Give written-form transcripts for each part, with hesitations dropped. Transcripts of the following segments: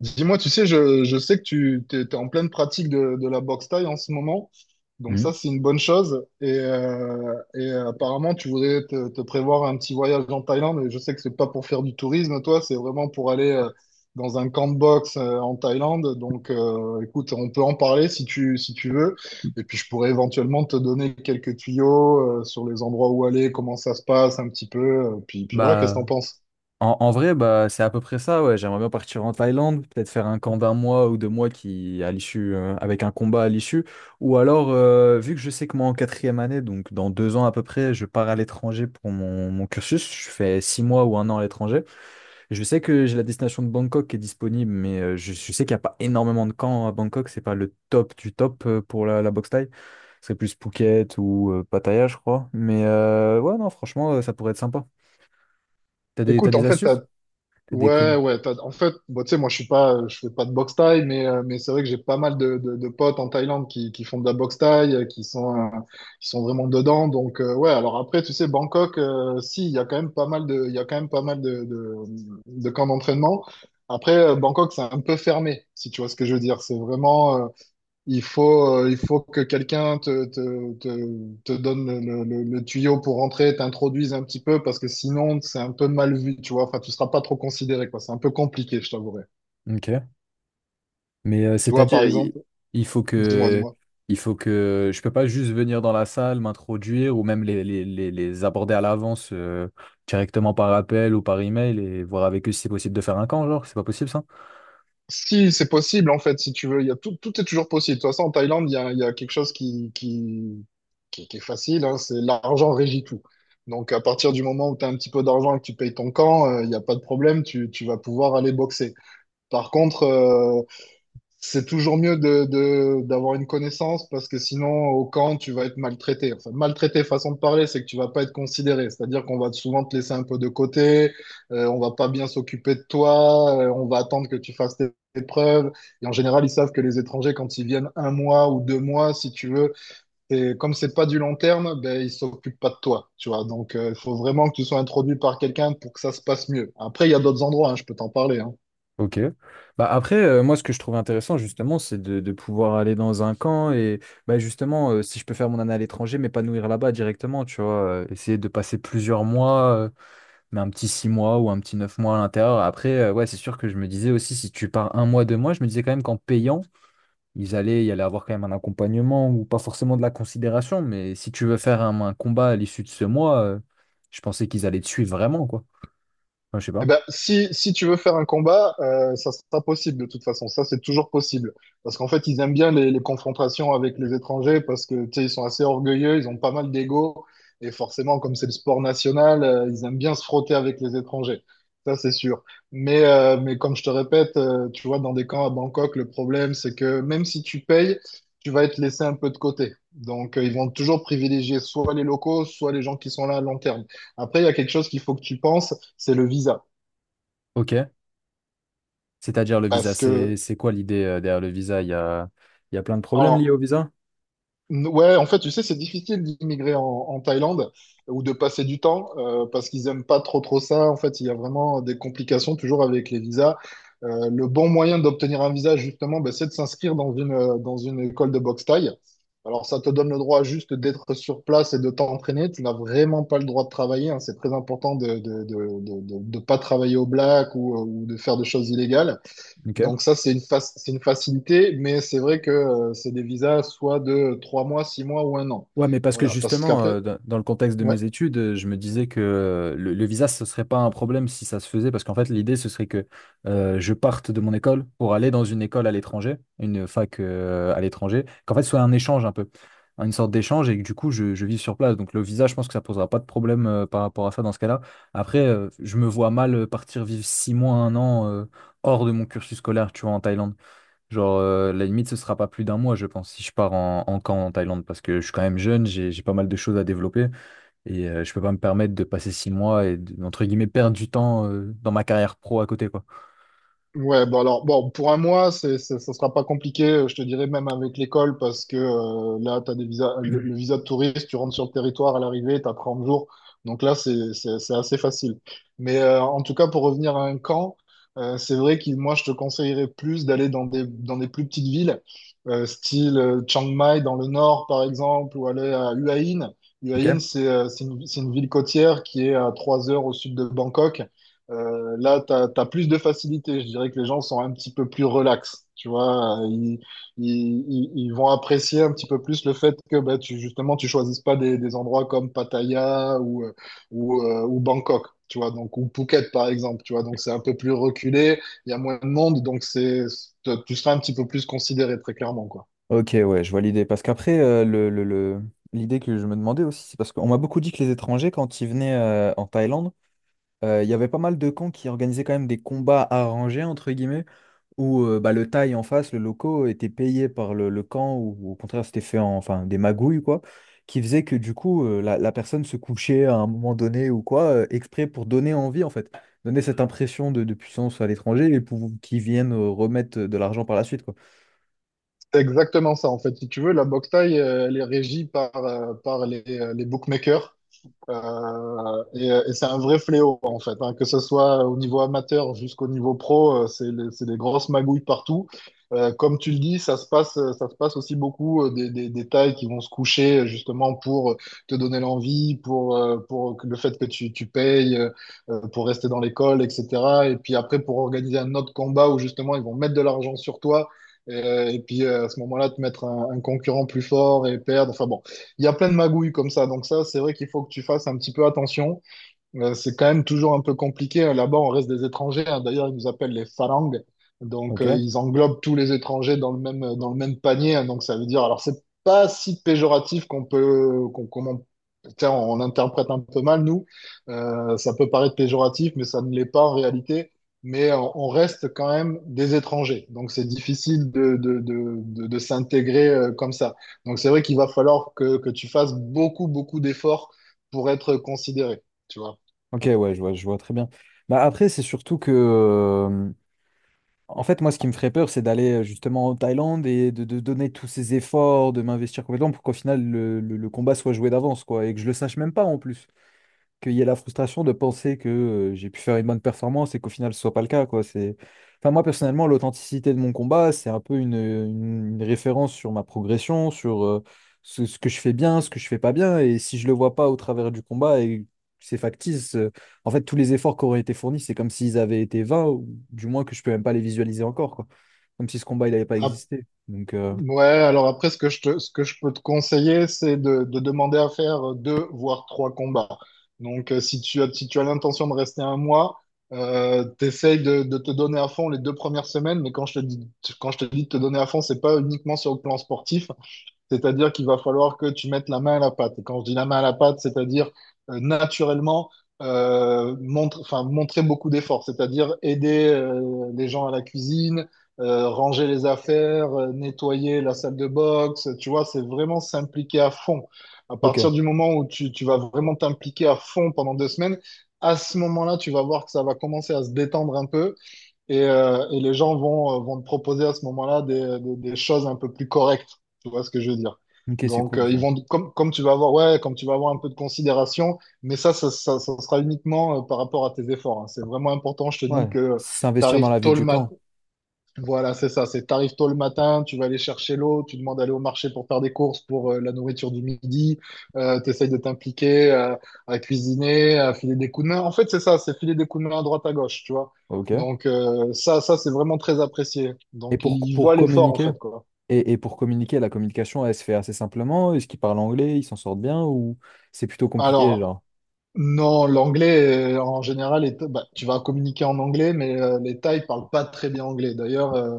Dis-moi, tu sais, je sais que tu t'es en pleine pratique de la boxe thaï en ce moment, donc Mhm. ça c'est une bonne chose. Apparemment, tu voudrais te prévoir un petit voyage en Thaïlande. Et je sais que c'est pas pour faire du tourisme, toi, c'est vraiment pour aller dans un camp de boxe en Thaïlande. Écoute, on peut en parler si tu si tu veux. Et puis, je pourrais éventuellement te donner quelques tuyaux sur les endroits où aller, comment ça se passe un petit peu. Puis voilà, qu'est-ce Bah, que t'en penses? en vrai, bah, c'est à peu près ça, ouais. J'aimerais bien partir en Thaïlande, peut-être faire un camp d'un mois ou 2 mois qui, à l'issue, avec un combat à l'issue. Ou alors, vu que je sais que moi, en quatrième année, donc dans 2 ans à peu près, je pars à l'étranger pour mon cursus. Je fais 6 mois ou un an à l'étranger. Je sais que j'ai la destination de Bangkok qui est disponible, mais je sais qu'il n'y a pas énormément de camps à Bangkok. C'est pas le top du top pour la boxe thaï. Ce serait plus Phuket ou Pattaya, je crois. Mais ouais, non, franchement, ça pourrait être sympa. T'as des, t'as Écoute, en des fait, astuces? T'as des ouais, coups. ouais. En fait, bah, tu sais, moi, je suis pas, je fais pas de boxe thaï, mais c'est vrai que j'ai pas mal de potes en Thaïlande qui font de la boxe thaï, qui sont vraiment dedans. Ouais. Alors après, tu sais, Bangkok, si, il y a quand même pas mal de camps d'entraînement. Après, Bangkok, c'est un peu fermé, si tu vois ce que je veux dire. C'est vraiment, il faut que quelqu'un te donne le tuyau pour rentrer, t'introduise un petit peu, parce que sinon, c'est un peu mal vu, tu vois. Enfin, tu seras pas trop considéré, quoi. C'est un peu compliqué, je t'avouerai. Ok. Mais Tu vois, par c'est-à-dire, il, exemple, il faut que, dis-moi. il faut que, je peux pas juste venir dans la salle, m'introduire ou même les aborder à l'avance directement par appel ou par email et voir avec eux si c'est possible de faire un camp, genre, c'est pas possible ça? Si, c'est possible, en fait, si tu veux. Il y a tout, tout est toujours possible. De toute façon, en Thaïlande, il y a quelque chose qui est facile, hein, c'est l'argent régit tout. Donc, à partir du moment où tu as un petit peu d'argent et que tu payes ton camp, il n'y a pas de problème, tu vas pouvoir aller boxer. Par contre, c'est toujours mieux d'avoir une connaissance parce que sinon, au camp, tu vas être maltraité. Enfin, maltraité, façon de parler, c'est que tu vas pas être considéré. C'est-à-dire qu'on va souvent te laisser un peu de côté, on va pas bien s'occuper de toi, on va attendre que tu fasses tes preuves. Et en général, ils savent que les étrangers, quand ils viennent un mois ou 2 mois, si tu veux, et comme c'est pas du long terme, ben, ils s'occupent pas de toi, tu vois. Il faut vraiment que tu sois introduit par quelqu'un pour que ça se passe mieux. Après, il y a d'autres endroits, hein, je peux t'en parler, hein. Ok. Bah après, moi, ce que je trouve intéressant, justement, c'est de pouvoir aller dans un camp et bah, justement, si je peux faire mon année à l'étranger, m'épanouir là-bas directement, tu vois, essayer de passer plusieurs mois. Mais un petit 6 mois ou un petit 9 mois à l'intérieur. Après, ouais, c'est sûr que je me disais aussi, si tu pars un mois, 2 mois, je me disais quand même qu'en payant, il allait avoir quand même un accompagnement ou pas forcément de la considération, mais si tu veux faire un combat à l'issue de ce mois, je pensais qu'ils allaient te suivre vraiment, quoi. Enfin, je sais Eh pas. ben, si, si tu veux faire un combat, ça sera possible de toute façon. Ça, c'est toujours possible. Parce qu'en fait, ils aiment bien les confrontations avec les étrangers parce que, tu sais, ils sont assez orgueilleux, ils ont pas mal d'ego. Et forcément, comme c'est le sport national, ils aiment bien se frotter avec les étrangers. Ça, c'est sûr. Mais comme je te répète, tu vois, dans des camps à Bangkok, le problème, c'est que même si tu payes, tu vas être laissé un peu de côté. Ils vont toujours privilégier soit les locaux, soit les gens qui sont là à long terme. Après, il y a quelque chose qu'il faut que tu penses, c'est le visa. Ok. C'est-à-dire le visa, Parce c'est que, c'est quoi l'idée derrière le visa? Il y a plein de problèmes liés au alors, visa? Ouais, en fait, tu sais, c'est difficile d'immigrer en Thaïlande ou de passer du temps parce qu'ils aiment pas trop trop ça. En fait, il y a vraiment des complications toujours avec les visas. Le bon moyen d'obtenir un visa, justement, ben, c'est de s'inscrire dans une école de boxe thaï. Alors, ça te donne le droit juste d'être sur place et de t'entraîner. Tu n'as vraiment pas le droit de travailler, hein. C'est très important de ne de pas travailler au black ou de faire des choses illégales. Ok. Donc ça, c'est une facilité, mais c'est vrai que c'est des visas soit de 3 mois, 6 mois ou un an. Ouais, mais parce que Voilà, parce justement, qu'après, dans le contexte de ouais. mes études, je me disais que le visa, ce serait pas un problème si ça se faisait, parce qu'en fait, l'idée, ce serait que je parte de mon école pour aller dans une école à l'étranger, une fac à l'étranger, qu'en fait, ce soit un échange un peu, une sorte d'échange, et que du coup, je vive sur place. Donc, le visa, je pense que ça posera pas de problème par rapport à ça dans ce cas-là. Après, je me vois mal partir vivre 6 mois, un an hors de mon cursus scolaire, tu vois, en Thaïlande. Genre, la limite, ce sera pas plus d'un mois, je pense, si je pars en camp en Thaïlande, parce que je suis quand même jeune, j'ai pas mal de choses à développer, et je peux pas me permettre de passer 6 mois entre guillemets, perdre du temps dans ma carrière pro à côté, quoi. Ouais, bah alors, bon, pour un mois, ça sera pas compliqué, je te dirais même avec l'école, parce que là, tu as des visas, le- le visa de touriste, tu rentres sur le territoire à l'arrivée, tu as 30 jours. Donc là, c'est assez facile. En tout cas, pour revenir à un camp, c'est vrai que moi, je te conseillerais plus d'aller dans des plus petites villes, style Chiang Mai dans le nord, par exemple, ou aller à Hua Hin. Hua Hin, Ok? C'est une ville côtière qui est à 3 heures au sud de Bangkok. Là, tu as plus de facilité. Je dirais que les gens sont un petit peu plus relax. Tu vois, ils vont apprécier un petit peu plus le fait que bah, justement, tu choisisses pas des, des endroits comme Pattaya ou Bangkok, tu vois, donc, ou Phuket, par exemple, tu vois. Donc, c'est un peu plus reculé, il y a moins de monde, donc tu seras un petit peu plus considéré, très clairement, quoi. Ok, ouais, je vois l'idée. Parce qu'après, l'idée que je me demandais aussi, c'est parce qu'on m'a beaucoup dit que les étrangers, quand ils venaient en Thaïlande, il y avait pas mal de camps qui organisaient quand même des combats arrangés, entre guillemets. Où bah, le taille en face, le loco, était payé par le camp, ou au contraire, c'était fait enfin, des magouilles, quoi, qui faisait que du coup, la personne se couchait à un moment donné ou quoi, exprès pour donner envie, en fait, donner cette impression de puissance à l'étranger et pour qu'ils viennent remettre de l'argent par la suite, quoi. C'est exactement ça, en fait. Si tu veux, la boxe thaï, elle est régie par, par les bookmakers. Et c'est un vrai fléau, en fait, hein, que ce soit au niveau amateur jusqu'au niveau pro, c'est des grosses magouilles partout. Comme tu le dis, ça se passe aussi beaucoup des tailles qui vont se coucher justement pour te donner l'envie, le fait que tu payes, pour rester dans l'école, etc. Et puis après, pour organiser un autre combat où justement ils vont mettre de l'argent sur toi. Et, puis À ce moment-là, te mettre un concurrent plus fort et perdre. Enfin bon, il y a plein de magouilles comme ça. Donc ça, c'est vrai qu'il faut que tu fasses un petit peu attention. C'est quand même toujours un peu compliqué. Là-bas, on reste des étrangers, hein. D'ailleurs, ils nous appellent les Farang. Ok? Ils englobent tous les étrangers dans le même panier, hein. Donc, ça veut dire, alors, c'est pas si péjoratif qu'on peut, qu'on, qu'on en- tiens, on l'interprète un peu mal, nous. Ça peut paraître péjoratif, mais ça ne l'est pas en réalité. Mais on reste quand même des étrangers. Donc, c'est difficile de s'intégrer comme ça. Donc, c'est vrai qu'il va falloir que tu fasses beaucoup, beaucoup d'efforts pour être considéré. Tu vois. Ok, ouais, je vois très bien. Bah, après, c'est surtout que. En fait, moi, ce qui me ferait peur, c'est d'aller justement en Thaïlande et de donner tous ces efforts, de m'investir complètement pour qu'au final, le combat soit joué d'avance, quoi, et que je le sache même pas en plus. Qu'il y ait la frustration de penser que j'ai pu faire une bonne performance et qu'au final ce soit pas le cas, quoi. C'est. Enfin, moi personnellement, l'authenticité de mon combat, c'est un peu une référence sur ma progression, sur ce que je fais bien, ce que je fais pas bien, et si je le vois pas au travers du combat et c'est factice, en fait tous les efforts qui auraient été fournis, c'est comme s'ils avaient été vains, ou du moins que je peux même pas les visualiser encore, quoi. Comme si ce combat il n'avait pas Ap- existé. Donc, ouais, alors après, ce que je peux te conseiller, c'est de demander à faire deux, voire trois combats. Si si tu as l'intention de rester un mois, t'essayes de te donner à fond les deux premières semaines, mais quand je te dis, quand je te dis de te donner à fond, c'est pas uniquement sur le plan sportif, c'est-à-dire qu'il va falloir que tu mettes la main à la pâte. Et quand je dis la main à la pâte, c'est-à-dire naturellement enfin, montrer beaucoup d'efforts, c'est-à-dire aider les gens à la cuisine, ranger les affaires, nettoyer la salle de boxe. Tu vois, c'est vraiment s'impliquer à fond. À ok, partir du moment où tu vas vraiment t'impliquer à fond pendant 2 semaines, à ce moment-là, tu vas voir que ça va commencer à se détendre un peu et les gens vont, vont te proposer à ce moment-là des choses un peu plus correctes. Tu vois ce que je veux dire? ok, c'est cool Ils ça. vont, comme tu vas avoir, ouais, comme tu vas avoir un peu de considération, mais ça sera uniquement par rapport à tes efforts, hein. C'est vraiment important, je te dis, Ouais, que tu s'investir dans arrives la vie tôt le du matin, camp. voilà, c'est ça. C'est t'arrives tôt le matin, tu vas aller chercher l'eau, tu demandes d'aller au marché pour faire des courses pour la nourriture du midi, t'essayes de t'impliquer à cuisiner, à filer des coups de main. En fait, c'est ça, c'est filer des coups de main à droite à gauche, tu vois. Ok. Ça c'est vraiment très apprécié. Et Donc pour, ils pour voient l'effort en communiquer? fait, quoi. Et pour communiquer, la communication, elle se fait assez simplement. Est-ce qu'ils parlent anglais, ils s'en sortent bien ou c'est plutôt compliqué, Alors genre? non, l'anglais en général, bah, tu vas communiquer en anglais, mais les Thaïs parlent pas très bien anglais. D'ailleurs,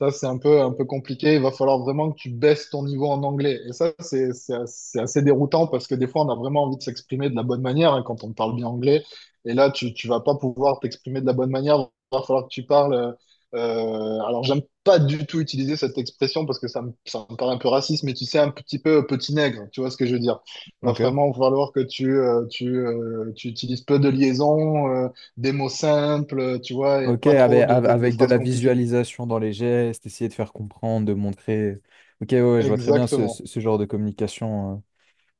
ça c'est un peu compliqué. Il va falloir vraiment que tu baisses ton niveau en anglais. Et ça c'est assez déroutant parce que des fois on a vraiment envie de s'exprimer de la bonne manière, hein, quand on parle bien anglais. Et là tu vas pas pouvoir t'exprimer de la bonne manière. Il va falloir que tu parles. Alors j'aime pas du tout utiliser cette expression parce que ça me paraît un peu raciste, mais tu sais un petit peu petit nègre. Tu vois ce que je veux dire? Va Ok. vraiment falloir que tu utilises peu de liaisons, des mots simples, tu vois, et Ok, pas trop de avec de phrases la compliquées. visualisation dans les gestes, essayer de faire comprendre, de montrer. Ok, ouais, ouais, je vois très bien Exactement, ce genre de communication, hein.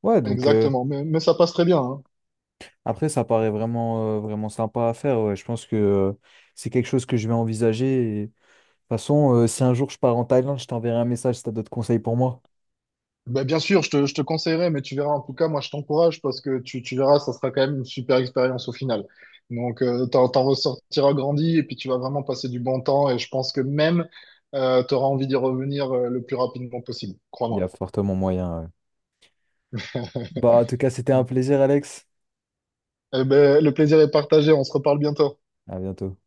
Ouais, donc exactement. Mais ça passe très bien, hein. après, ça paraît vraiment, vraiment sympa à faire, ouais. Je pense que c'est quelque chose que je vais envisager. Et, de toute façon, si un jour je pars en Thaïlande, je t'enverrai un message si tu as d'autres conseils pour moi. Bah, bien sûr, je te conseillerais, mais tu verras, en tout cas, moi, je t'encourage parce que tu verras, ça sera quand même une super expérience au final. T'en ressortiras grandi et puis tu vas vraiment passer du bon temps et je pense que même, tu auras envie d'y revenir, le plus rapidement possible, Il y a crois-moi. fortement moyen, ouais. Bah, en tout cas, c'était un plaisir, Alex. Eh ben, le plaisir est partagé, on se reparle bientôt. À bientôt.